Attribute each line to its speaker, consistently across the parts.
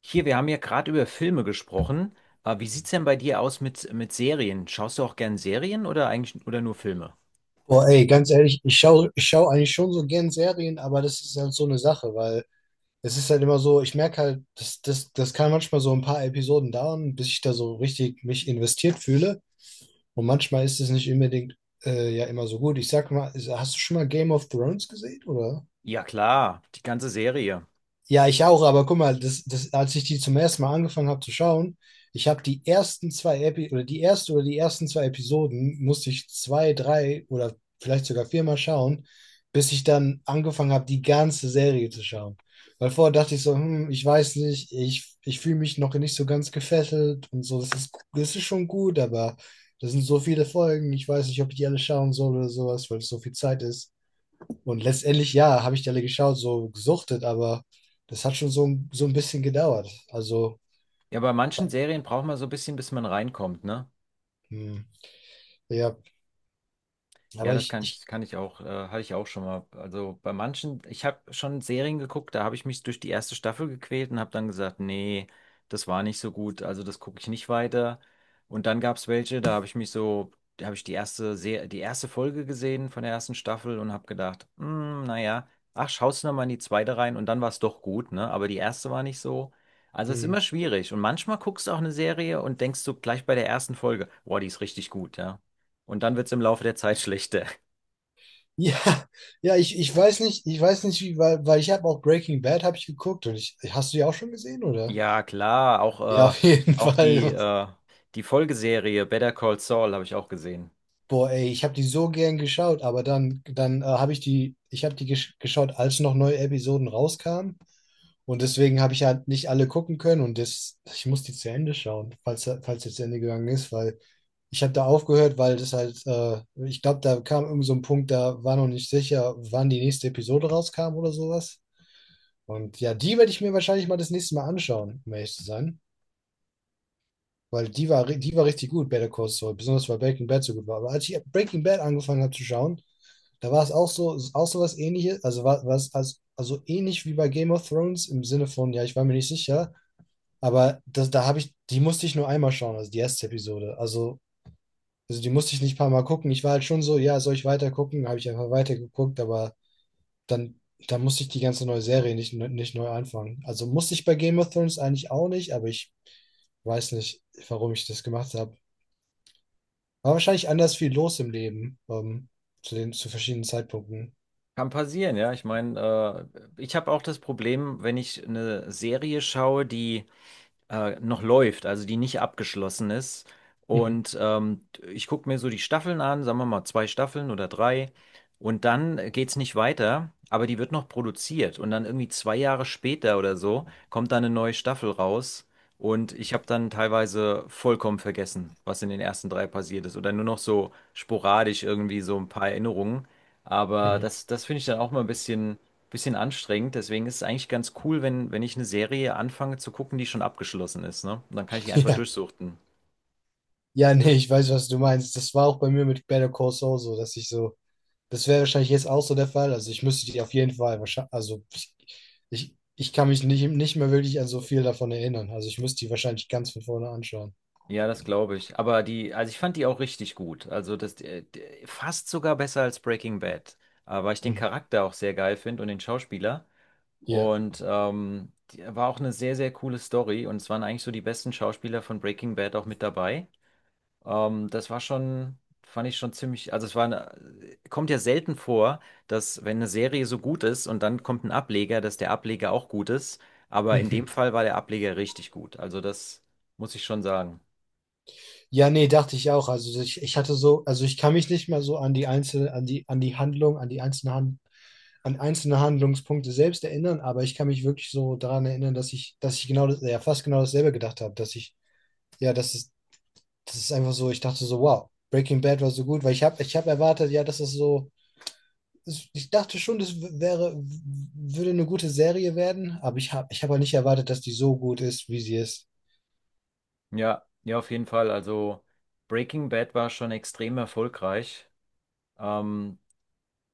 Speaker 1: Hier, wir haben ja gerade über Filme gesprochen. Wie sieht's denn bei dir aus mit Serien? Schaust du auch gern Serien oder eigentlich oder nur Filme?
Speaker 2: Boah, ey, ganz ehrlich, ich schau eigentlich schon so gern Serien, aber das ist halt so eine Sache, weil es ist halt immer so, ich merke halt, das kann manchmal so ein paar Episoden dauern, bis ich da so richtig mich investiert fühle. Und manchmal ist es nicht unbedingt ja immer so gut. Ich sag mal, hast du schon mal Game of Thrones gesehen, oder?
Speaker 1: Ja, klar, die ganze Serie.
Speaker 2: Ja, ich auch, aber guck mal, das, als ich die zum ersten Mal angefangen habe zu schauen, ich habe die ersten zwei Epi oder die erste oder die ersten zwei Episoden musste ich zwei, drei oder vielleicht sogar viermal schauen, bis ich dann angefangen habe, die ganze Serie zu schauen. Weil vorher dachte ich so, hm, ich weiß nicht, ich fühle mich noch nicht so ganz gefesselt und so, das ist schon gut, aber das sind so viele Folgen, ich weiß nicht, ob ich die alle schauen soll oder sowas, weil es so viel Zeit ist. Und letztendlich, ja, habe ich die alle geschaut, so gesuchtet, aber das hat schon so, so ein bisschen gedauert. Also,
Speaker 1: Ja, bei manchen Serien braucht man so ein bisschen, bis man reinkommt, ne?
Speaker 2: hm, ja,
Speaker 1: Ja,
Speaker 2: aber
Speaker 1: das kann ich auch, hatte ich auch schon mal. Also bei manchen, ich habe schon Serien geguckt, da habe ich mich durch die erste Staffel gequält und habe dann gesagt, nee, das war nicht so gut, also das gucke ich nicht weiter. Und dann gab es welche, da habe ich mich so, da habe ich die erste Se die erste Folge gesehen von der ersten Staffel und habe gedacht, naja, ach, schaust du noch mal in die zweite rein und dann war es doch gut, ne? Aber die erste war nicht so. Also es ist
Speaker 2: hm,
Speaker 1: immer schwierig. Und manchmal guckst du auch eine Serie und denkst du gleich bei der ersten Folge, boah, die ist richtig gut, ja. Und dann wird es im Laufe der Zeit schlechter.
Speaker 2: ja, ja, ich weiß nicht, ich weiß nicht, wie, weil, weil ich habe auch Breaking Bad habe ich geguckt und ich, hast du die auch schon gesehen, oder?
Speaker 1: Ja, klar,
Speaker 2: Ja,
Speaker 1: auch,
Speaker 2: auf jeden
Speaker 1: auch
Speaker 2: Fall.
Speaker 1: die Folgeserie Better Call Saul habe ich auch gesehen.
Speaker 2: Boah, ey, ich habe die so gern geschaut, aber dann habe ich die, ich habe die geschaut, als noch neue Episoden rauskamen. Und deswegen habe ich halt nicht alle gucken können und das, ich muss die zu Ende schauen, falls jetzt zu Ende gegangen ist, weil ich habe da aufgehört, weil das halt, ich glaube, da kam irgend so ein Punkt, da war noch nicht sicher, wann die nächste Episode rauskam oder sowas. Und ja, die werde ich mir wahrscheinlich mal das nächste Mal anschauen, um ehrlich zu sein. Weil die war, die war richtig gut, Better Call Saul, besonders weil Breaking Bad so gut war. Aber als ich Breaking Bad angefangen habe zu schauen, da war es auch so was Ähnliches, war es also ähnlich wie bei Game of Thrones im Sinne von, ja, ich war mir nicht sicher, aber das, die musste ich nur einmal schauen, also die erste Episode. Also die musste ich nicht ein paar Mal gucken. Ich war halt schon so, ja, soll ich weiter gucken? Habe ich einfach weitergeguckt, aber dann, dann musste ich die ganze neue Serie nicht neu anfangen. Also musste ich bei Game of Thrones eigentlich auch nicht, aber ich weiß nicht, warum ich das gemacht habe. War wahrscheinlich anders viel los im Leben, zu zu verschiedenen Zeitpunkten.
Speaker 1: Kann passieren, ja. Ich meine, ich habe auch das Problem, wenn ich eine Serie schaue, die noch läuft, also die nicht abgeschlossen ist.
Speaker 2: Mhm.
Speaker 1: Und ich gucke mir so die Staffeln an, sagen wir mal zwei Staffeln oder drei. Und dann geht es nicht weiter, aber die wird noch produziert. Und dann irgendwie zwei Jahre später oder so kommt dann eine neue Staffel raus. Und ich habe dann teilweise vollkommen vergessen, was in den ersten drei passiert ist. Oder nur noch so sporadisch irgendwie so ein paar Erinnerungen. Aber
Speaker 2: Mhm.
Speaker 1: das, das finde ich dann auch mal ein bisschen anstrengend. Deswegen ist es eigentlich ganz cool, wenn ich eine Serie anfange zu gucken, die schon abgeschlossen ist, ne? Und dann kann ich die einfach
Speaker 2: Ja.
Speaker 1: durchsuchten.
Speaker 2: Ja, nee, ich weiß, was du meinst. Das war auch bei mir mit Better Call Saul so, dass ich so, das wäre wahrscheinlich jetzt auch so der Fall. Also ich müsste die auf jeden Fall wahrscheinlich, also ich, ich kann mich nicht mehr wirklich an so viel davon erinnern. Also ich müsste die wahrscheinlich ganz von vorne anschauen.
Speaker 1: Ja, das glaube ich. Aber die, also ich fand die auch richtig gut. Also fast sogar besser als Breaking Bad. Weil ich den
Speaker 2: Hm.
Speaker 1: Charakter auch sehr geil finde und den Schauspieler.
Speaker 2: Ja.
Speaker 1: Und war auch eine sehr, sehr coole Story. Und es waren eigentlich so die besten Schauspieler von Breaking Bad auch mit dabei. Das war schon, fand ich schon ziemlich, also es war eine, kommt ja selten vor, dass wenn eine Serie so gut ist und dann kommt ein Ableger, dass der Ableger auch gut ist. Aber in dem Fall war der Ableger richtig gut. Also das muss ich schon sagen.
Speaker 2: Ja, nee, dachte ich auch. Also ich hatte so, also ich kann mich nicht mehr so an die einzelne, an die Handlung, an einzelne Handlungspunkte selbst erinnern, aber ich kann mich wirklich so daran erinnern, dass ich genau das, ja, fast genau dasselbe gedacht habe, ja, das ist einfach so, ich dachte so, wow, Breaking Bad war so gut, weil ich habe erwartet, ja, dass es so, ich dachte schon, das w- wäre, w- würde eine gute Serie werden, aber ich habe halt nicht erwartet, dass die so gut ist, wie sie ist.
Speaker 1: Ja, ja, auf jeden Fall. Also Breaking Bad war schon extrem erfolgreich. Ähm,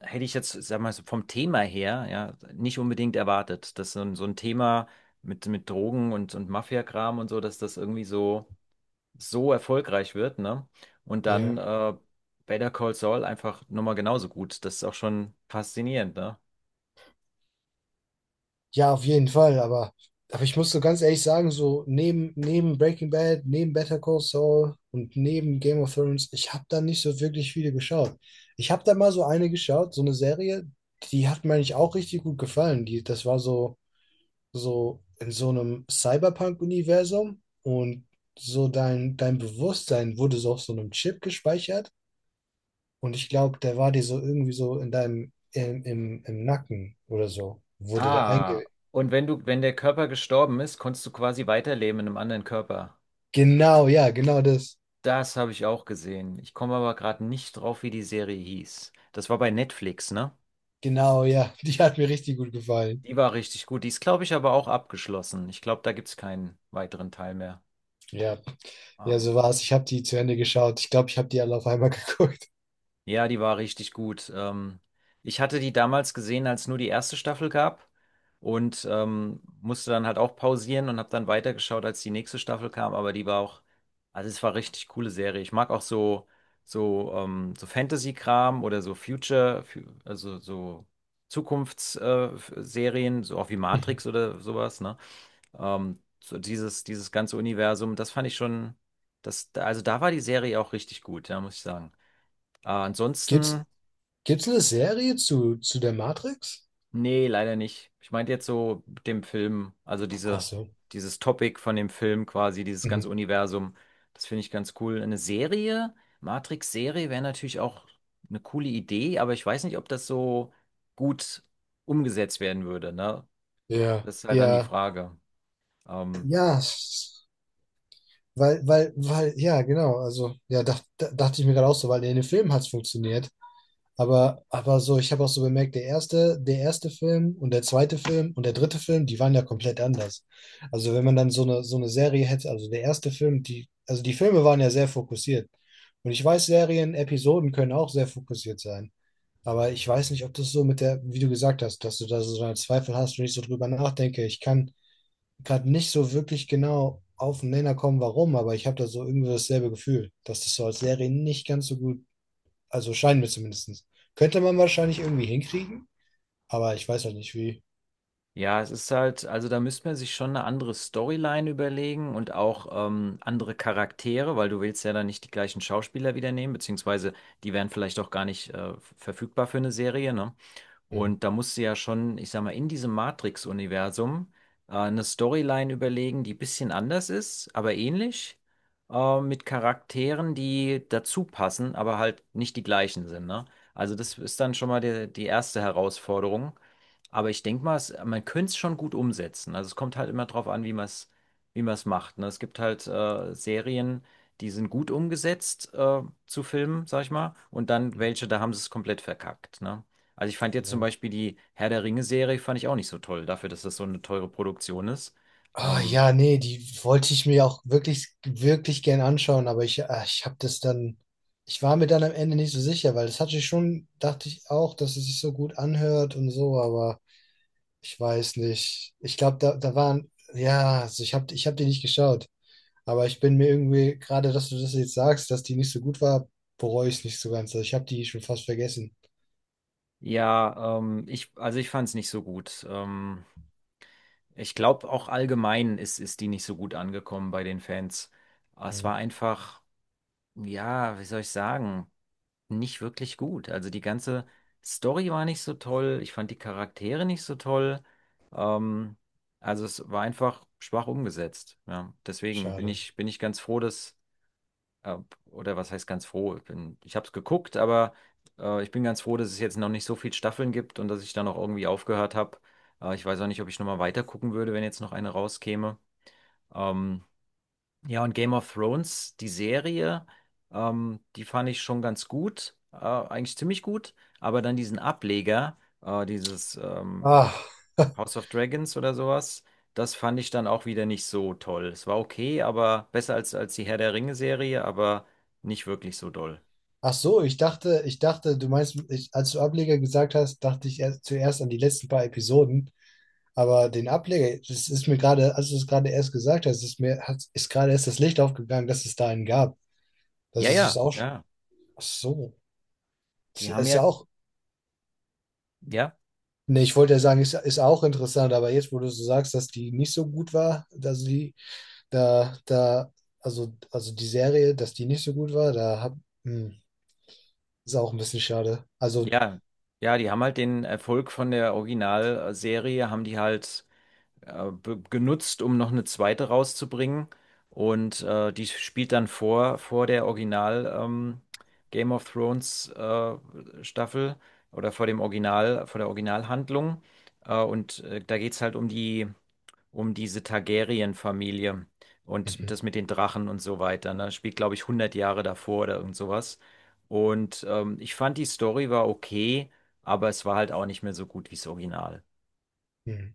Speaker 1: Hätte ich jetzt, sag mal, so vom Thema her, ja, nicht unbedingt erwartet, dass so ein Thema mit Drogen und Mafia-Kram und so, dass das irgendwie so erfolgreich wird, ne? Und dann
Speaker 2: Ja.
Speaker 1: Better Call Saul einfach nochmal genauso gut. Das ist auch schon faszinierend, ne?
Speaker 2: Ja, auf jeden Fall, aber ich muss so ganz ehrlich sagen, so neben, neben Breaking Bad, neben Better Call Saul und neben Game of Thrones, ich habe da nicht so wirklich viele geschaut. Ich habe da mal so eine geschaut, so eine Serie, die hat mir eigentlich auch richtig gut gefallen. Die, das war so, so in so einem Cyberpunk-Universum und so dein, dein Bewusstsein wurde so auf so einem Chip gespeichert und ich glaube, der war dir so irgendwie so in deinem, im Nacken oder so, wurde der
Speaker 1: Ah,
Speaker 2: einge
Speaker 1: und wenn du, wenn der Körper gestorben ist, konntest du quasi weiterleben in einem anderen Körper.
Speaker 2: Genau, ja, genau das.
Speaker 1: Das habe ich auch gesehen. Ich komme aber gerade nicht drauf, wie die Serie hieß. Das war bei Netflix, ne?
Speaker 2: Genau, ja. Die hat mir richtig gut gefallen.
Speaker 1: Die war richtig gut. Die ist, glaube ich, aber auch abgeschlossen. Ich glaube, da gibt es keinen weiteren Teil mehr.
Speaker 2: Ja, ja,
Speaker 1: Ähm,
Speaker 2: so war's. Ich habe die zu Ende geschaut. Ich glaube, ich habe die alle auf einmal geguckt.
Speaker 1: Ja, die war richtig gut. Ich hatte die damals gesehen, als nur die erste Staffel gab und musste dann halt auch pausieren und habe dann weitergeschaut, als die nächste Staffel kam. Aber die war auch, also es war richtig coole Serie. Ich mag auch so so Fantasy-Kram oder so also so Zukunftsserien, so auch wie
Speaker 2: Mhm.
Speaker 1: Matrix oder sowas. Ne, so dieses ganze Universum, das fand ich schon, das also da war die Serie auch richtig gut, ja, muss ich sagen.
Speaker 2: Gibt's,
Speaker 1: Ansonsten
Speaker 2: gibt's eine Serie zu der Matrix?
Speaker 1: nee, leider nicht. Ich meinte jetzt so mit dem Film,
Speaker 2: Ach so.
Speaker 1: dieses Topic von dem Film quasi, dieses ganze
Speaker 2: Mhm.
Speaker 1: Universum. Das finde ich ganz cool. Matrix-Serie wäre natürlich auch eine coole Idee, aber ich weiß nicht, ob das so gut umgesetzt werden würde, ne?
Speaker 2: Ja,
Speaker 1: Das ist halt dann die
Speaker 2: ja,
Speaker 1: Frage. Ähm,
Speaker 2: ja. Weil, weil, ja, genau. Also, ja, dachte ich mir gerade auch so, weil in den Filmen hat's funktioniert. Aber so, ich habe auch so bemerkt, der erste Film und der zweite Film und der dritte Film, die waren ja komplett anders. Also wenn man dann so eine Serie hätte, also der erste Film, die, also die Filme waren ja sehr fokussiert. Und ich weiß, Serien, Episoden können auch sehr fokussiert sein. Aber ich weiß nicht, ob das so mit der, wie du gesagt hast, dass du da so einen Zweifel hast und ich so drüber nachdenke. Ich kann gerade nicht so wirklich genau auf den Nenner kommen, warum, aber ich habe da so irgendwie dasselbe Gefühl, dass das so als Serie nicht ganz so gut also scheinen wir zumindest. Könnte man wahrscheinlich irgendwie hinkriegen, aber ich weiß halt nicht wie.
Speaker 1: Ja, es ist halt, also da müsste man sich schon eine andere Storyline überlegen und auch andere Charaktere, weil du willst ja dann nicht die gleichen Schauspieler wieder nehmen, beziehungsweise die wären vielleicht auch gar nicht verfügbar für eine Serie, ne?
Speaker 2: Mhm.
Speaker 1: Und da musst du ja schon, ich sag mal, in diesem Matrix-Universum eine Storyline überlegen, die ein bisschen anders ist, aber ähnlich, mit Charakteren, die dazu passen, aber halt nicht die gleichen sind, ne? Also das ist dann schon mal die erste Herausforderung. Aber ich denke mal, man könnte es schon gut umsetzen. Also es kommt halt immer drauf an, wie man es macht. Ne? Es gibt halt Serien, die sind gut umgesetzt zu Filmen, sag ich mal, und dann
Speaker 2: Mhm.
Speaker 1: welche, da haben sie es komplett verkackt. Ne? Also ich fand jetzt zum
Speaker 2: Ja.
Speaker 1: Beispiel die Herr der Ringe-Serie, fand ich auch nicht so toll, dafür, dass das so eine teure Produktion ist.
Speaker 2: Ah,
Speaker 1: Ähm,
Speaker 2: ja, nee, die wollte ich mir auch wirklich, wirklich gern anschauen, aber ich, ah, ich habe das dann, ich war mir dann am Ende nicht so sicher, weil das hatte ich schon, dachte ich auch, dass es sich so gut anhört und so, aber ich weiß nicht. Ich glaube, da waren, ja, also ich hab die nicht geschaut, aber ich bin mir irgendwie, gerade dass du das jetzt sagst, dass die nicht so gut war, bereue ich es nicht so ganz. Also ich habe die schon fast vergessen.
Speaker 1: also ich fand es nicht so gut. Ich glaube, auch allgemein ist die nicht so gut angekommen bei den Fans. Es war einfach, ja, wie soll ich sagen? Nicht wirklich gut. Also die ganze Story war nicht so toll, ich fand die Charaktere nicht so toll. Ähm, also es war einfach schwach umgesetzt. Ja. Deswegen
Speaker 2: Schade.
Speaker 1: bin ich ganz froh, dass, äh, oder was heißt ganz froh? Ich habe es geguckt, aber ich bin ganz froh, dass es jetzt noch nicht so viele Staffeln gibt und dass ich da noch irgendwie aufgehört habe. Ich weiß auch nicht, ob ich nochmal weiter gucken würde, wenn jetzt noch eine rauskäme. Ähm, ja, und Game of Thrones, die Serie, die fand ich schon ganz gut, eigentlich ziemlich gut, aber dann diesen Ableger, dieses
Speaker 2: Ah.
Speaker 1: House of Dragons oder sowas, das fand ich dann auch wieder nicht so toll. Es war okay, aber besser als die Herr der Ringe-Serie, aber nicht wirklich so doll.
Speaker 2: Ach so, ich dachte, du meinst, ich, als du Ableger gesagt hast, dachte ich erst, zuerst an die letzten paar Episoden. Aber den Ableger, das ist mir gerade, als du es gerade erst gesagt hast, ist mir, hat, ist gerade erst das Licht aufgegangen, dass es da einen gab. Das
Speaker 1: Ja,
Speaker 2: ist es
Speaker 1: ja,
Speaker 2: auch.
Speaker 1: ja.
Speaker 2: Ach so. Ist,
Speaker 1: Die haben
Speaker 2: ist ja
Speaker 1: ja,
Speaker 2: auch.
Speaker 1: ja,
Speaker 2: Nee, ich wollte ja sagen, ist auch interessant, aber jetzt, wo du so sagst, dass die nicht so gut war, dass die, da, da, also die Serie, dass die nicht so gut war, hm, ist auch ein bisschen schade. Also,
Speaker 1: ja, ja, die haben halt den Erfolg von der Originalserie, haben die halt genutzt, um noch eine zweite rauszubringen. Und die spielt dann vor der Original Game of Thrones Staffel oder vor dem Original, vor der Originalhandlung. Und da geht es halt um um diese Targaryen-Familie und
Speaker 2: mhm.
Speaker 1: das mit den Drachen und so weiter. Ne? Spielt, glaube ich, 100 Jahre davor oder irgend sowas. Und ich fand, die Story war okay, aber es war halt auch nicht mehr so gut wie das Original.
Speaker 2: mhm.